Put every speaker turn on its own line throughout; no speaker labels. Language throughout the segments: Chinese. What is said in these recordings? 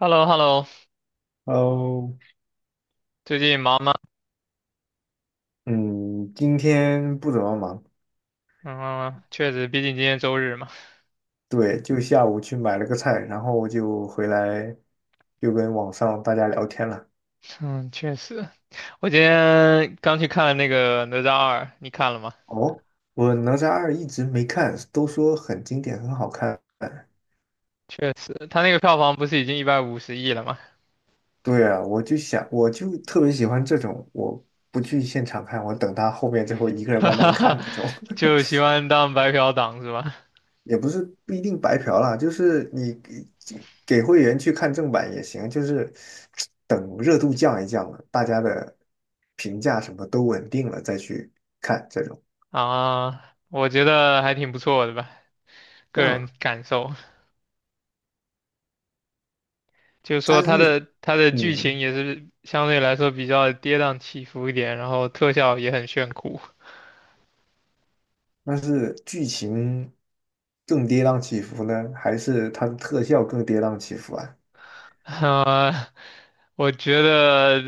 h e l l o h e l l o
哦。
最近忙吗？
嗯，今天不怎么忙。
嗯，确实，毕竟今天周日嘛。
对，就下午去买了个菜，然后就回来就跟网上大家聊天了。
嗯，确实，我今天刚去看了那个《哪吒二》，你看了吗？
哦，我哪吒二一直没看，都说很经典，很好看。
确实，他那个票房不是已经150亿了吗？
对啊，我就想，我就特别喜欢这种，我不去现场看，我等他后面之后一个 人
哈
慢慢
哈哈，
看那种。
就喜欢当白嫖党是吧？
也不是不一定白嫖啦，就是你给会员去看正版也行，就是 等热度降一降了，大家的评价什么都稳定了再去看这种。
啊，我觉得还挺不错的吧，
这
个
样
人
啊。
感受。就是说
它
它
是
的它的剧情
嗯，
也是相对来说比较跌宕起伏一点，然后特效也很炫酷。
那是剧情更跌宕起伏呢，还是它的特效更跌宕起伏啊？
呃，我觉得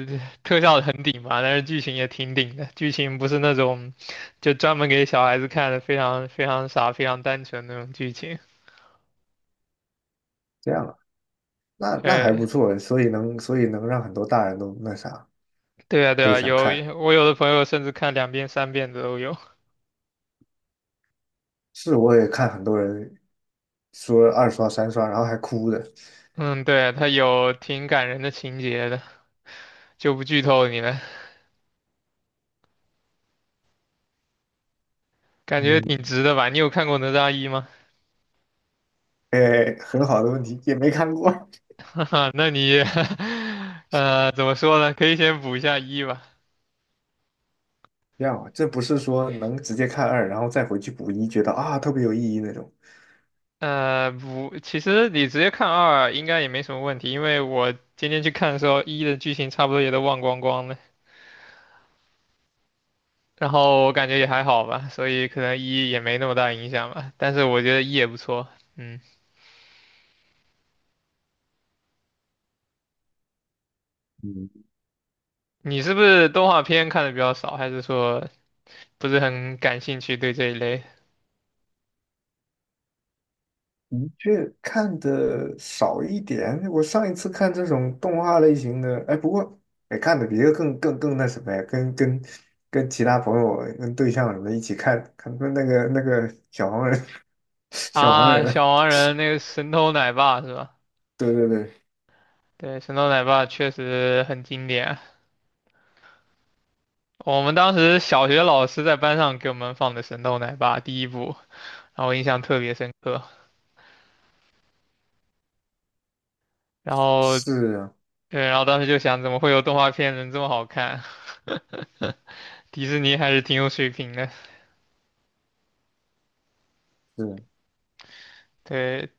特效很顶吧，但是剧情也挺顶的。剧情不是那种就专门给小孩子看的，非常非常傻、非常单纯那种剧情。
这样啊，那那还不
对，
错，所以能让很多大人都那啥
对啊，对
都
啊，
想看。
我有的朋友甚至看两遍、三遍的都有。
是，我也看很多人说二刷三刷，然后还哭的。
嗯，对，他有挺感人的情节的，就不剧透你了，感觉挺
嗯，
值的吧？你有看过《哪吒一》吗？
哎，很好的问题，也没看过。
那你，怎么说呢？可以先补一下一吧。
这样啊，这不是说能直接看二，然后再回去补一，觉得啊特别有意义那种。
不，其实你直接看二应该也没什么问题，因为我今天去看的时候，一的剧情差不多也都忘光光了，然后我感觉也还好吧，所以可能一也没那么大影响吧。但是我觉得一也不错，嗯，
嗯，
你是不是动画片看的比较少，还是说不是很感兴趣对这一类
的确看的少一点。我上一次看这种动画类型的，哎，不过哎看的比这个更那什么呀，跟其他朋友、跟对象什么的一起看，看那个小黄人，小黄
啊？
人啊。
小黄人那个神偷奶爸是吧？
对对对。
对，神偷奶爸确实很经典啊，我们当时小学老师在班上给我们放的神偷奶爸第一部，然后我印象特别深刻。然后
是啊。
对，然后当时就想，怎么会有动画片能这么好看？迪士尼还是挺有水平的。
是啊。
对，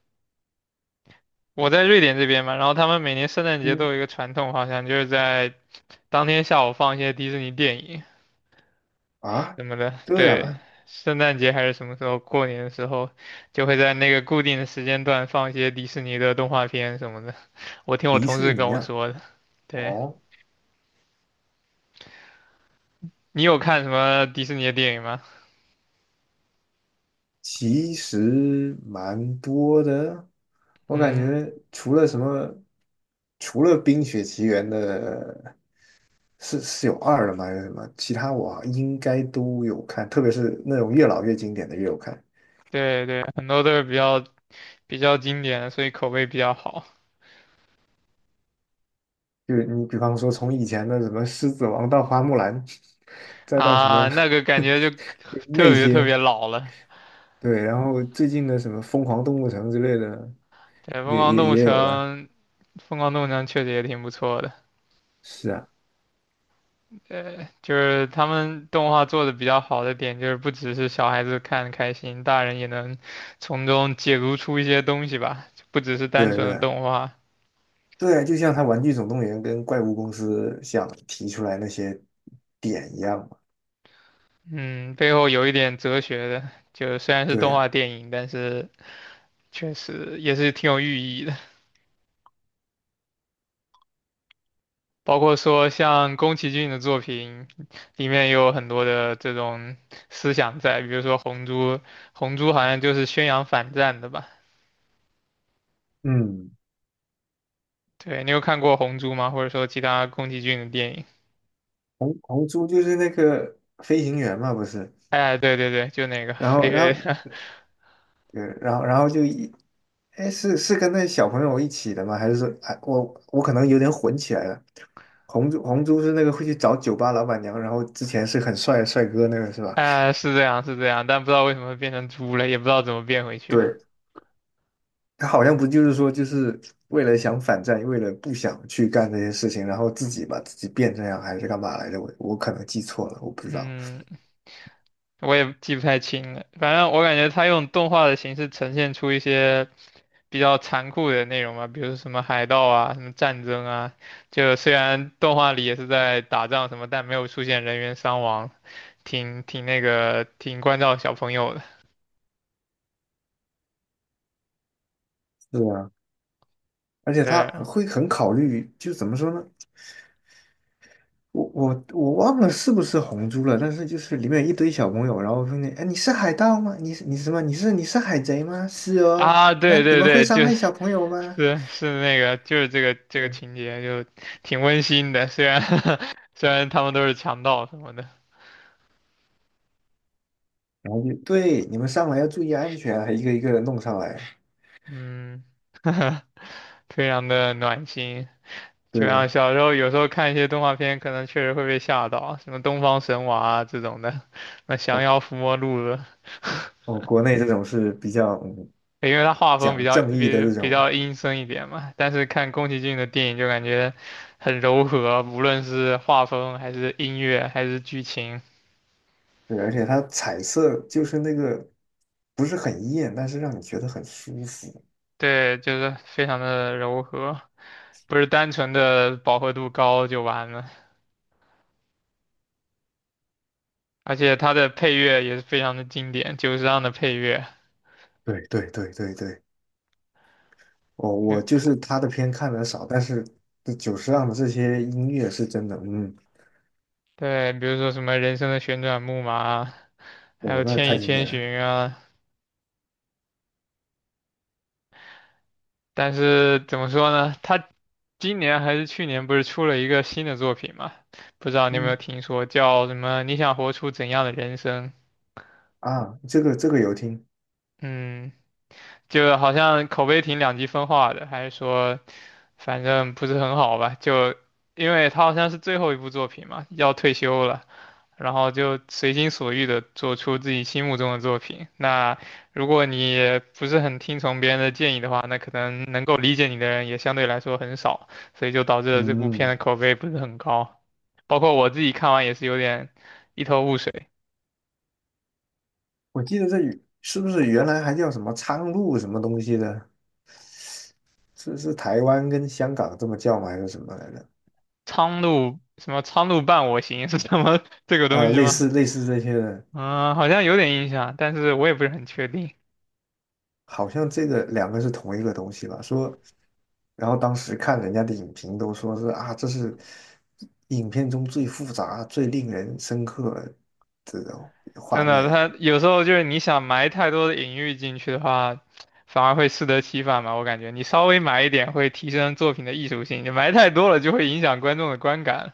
我在瑞典这边嘛，然后他们每年圣诞节都
嗯。
有一个传统，好像就是在当天下午放一些迪士尼电影
啊，
什么的。
这样
对，
啊。
圣诞节还是什么时候，过年的时候，就会在那个固定的时间段放一些迪士尼的动画片什么的。我听我
迪
同
士
事跟
尼
我
啊。
说的。对，
哦。
你有看什么迪士尼的电影吗？
其实蛮多的，我感
嗯，
觉除了什么，除了《冰雪奇缘》的，是有二了吗？还是什么？其他我应该都有看，特别是那种越老越经典的越有看。
对对，很多都是比较经典，所以口碑比较好
就是你比方说从以前的什么《狮子王》到《花木兰》，再到什
啊。
么
那个感觉就
就
特
那
别特
些。
别老了。
对，然后最近的什么《疯狂动物城》之类的，
对，《疯
也
狂
也
动物
也
城》，
有了。
《疯狂动物城》确实也挺不错的。
是啊。
就是他们动画做的比较好的点，就是不只是小孩子看开心，大人也能从中解读出一些东西吧，不只是单
对
纯的
对。
动画。
对，就像他《玩具总动员》跟怪物公司想提出来那些点一样嘛。
嗯，背后有一点哲学的，就虽然是动
对。
画电影，但是确实也是挺有寓意的。包括说像宫崎骏的作品里面也有很多的这种思想在，比如说《红猪》，《红猪》好像就是宣扬反战的吧？
嗯。
对，你有看过《红猪》吗？或者说其他宫崎骏的电影？
红猪就是那个飞行员嘛，不是？
哎，对对对，就那个
然
飞
后，然
跃，
后，对，然后，然后就一，哎，是是跟那小朋友一起的吗？还是说，哎，我可能有点混起来了。红猪是那个会去找酒吧老板娘，然后之前是很帅的帅哥那个是吧？
哎，是这样是这样，但不知道为什么变成猪了，也不知道怎么变回去。
对，他好像不就是说，就是为了想反战，为了不想去干这些事情，然后自己把自己变这样，还是干嘛来着？我可能记错了，我不知道。
嗯。我也记不太清了。反正我感觉他用动画的形式呈现出一些比较残酷的内容嘛，比如什么海盗啊、什么战争啊，就虽然动画里也是在打仗什么，但没有出现人员伤亡，挺挺那个挺关照小朋友的。
是啊，而且他
对
会很考虑，就怎么说呢？我忘了是不是红猪了，但是就是里面有一堆小朋友，然后说你，哎，你是海盗吗？你是什么？你是海贼吗？是哦，
啊，
那
对
你
对
们会
对，
伤
就
害
是
小朋友吗？
是那个就是这个
对，
情节就挺温馨的，虽然 虽然他们都是强盗什么的，
然后就对，你们上来要注意安全，还一个一个的弄上来。
嗯，非常的暖心。就
对。
像小时候有时候看一些动画片，可能确实会被吓到，什么《东方神娃》啊这种的，那《降妖伏魔录》了，
哦，国内这种是比较嗯
因为它画风比
讲
较
正义的
比
这
比
种。
较阴森一点嘛。但是看宫崎骏的电影就感觉很柔和，无论是画风还是音乐还是剧情，
对，而且它彩色就是那个不是很艳，但是让你觉得很舒服。
对，就是非常的柔和，不是单纯的饱和度高就完了。而且它的配乐也是非常的经典，久石让的配乐，
对对对对对，我
比
我就是他的片看的少，但是这久石让的这些音乐是真的，嗯，
对，比如说什么《人生的旋转木马》啊还有
我那
《千
太
与
经
千
典
寻》
了。
啊。但是怎么说呢？他今年还是去年不是出了一个新的作品嘛？不知道你有没有
嗯。
听说，叫什么？你想活出怎样的人生？
啊，这个这个有听。
嗯，就好像口碑挺两极分化的，还是说，反正不是很好吧？就因为他好像是最后一部作品嘛，要退休了，然后就随心所欲的做出自己心目中的作品。那如果你不是很听从别人的建议的话，那可能能够理解你的人也相对来说很少，所以就导致了这部片
嗯，
的口碑不是很高。包括我自己看完也是有点一头雾水。
我记得这语是不是原来还叫什么苍鹭什么东西的？是是台湾跟香港这么叫吗？还是什么来着？
苍鹭什么苍鹭伴我行 是什么 这个东
呃，
西
类
吗？
似类似这些的。
嗯，好像有点印象，但是我也不是很确定。
好像这个两个是同一个东西吧？说，然后当时看人家的影评都说是啊，这是影片中最复杂、最令人深刻的
真
画
的，
面。
他有时候就是你想埋太多的隐喻进去的话，反而会适得其反嘛。我感觉你稍微埋一点会提升作品的艺术性，你埋太多了就会影响观众的观感。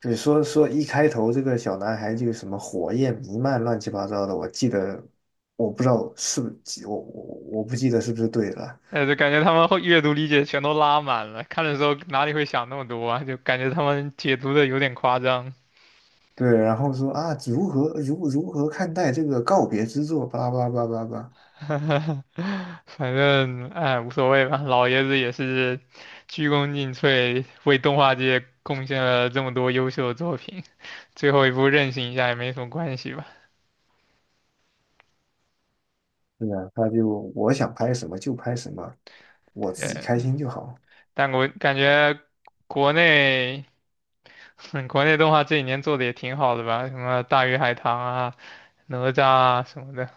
对，说说一开头这个小男孩就什么火焰弥漫、乱七八糟的，我记得，我不知道是不是我我不记得是不是对了。
就感觉他们会阅读理解全都拉满了，看的时候哪里会想那么多啊？就感觉他们解读的有点夸张。
对，然后说啊，如何如何看待这个告别之作？巴拉巴拉巴拉巴拉。
反正哎，无所谓吧，老爷子也是鞠躬尽瘁，为动画界贡献了这么多优秀的作品，最后一部任性一下也没什么关系吧。
是啊，他就我想拍什么就拍什么，我自己开
对，
心就好。
但我感觉国内，国内动画这几年做的也挺好的吧，什么《大鱼海棠》啊、《哪吒》啊什么的，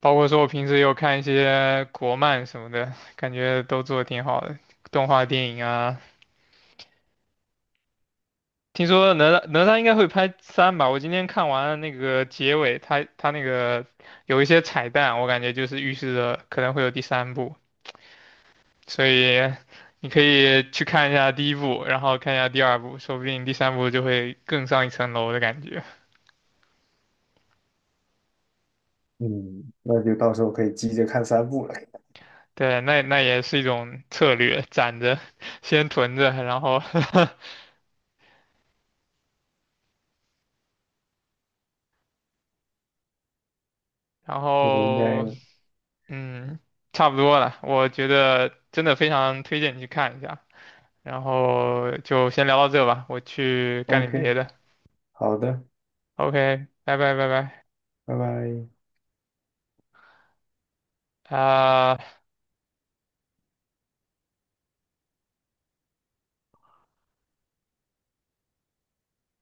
包括说我平时也有看一些国漫什么的，感觉都做的挺好的，动画电影啊。听说哪吒应该会拍三吧？我今天看完那个结尾，他那个有一些彩蛋，我感觉就是预示着可能会有第三部。所以你可以去看一下第一部，然后看一下第二部，说不定第三部就会更上一层楼的感觉。
嗯，那就到时候可以急着看三部了。
对，那也是一种策略，攒着，先囤着，然后 然
这个应该
后嗯，差不多了。我觉得真的非常推荐你去看一下。然后就先聊到这吧，我去干点别
OK。
的。
好的，
OK，拜拜拜拜
拜拜。
啊。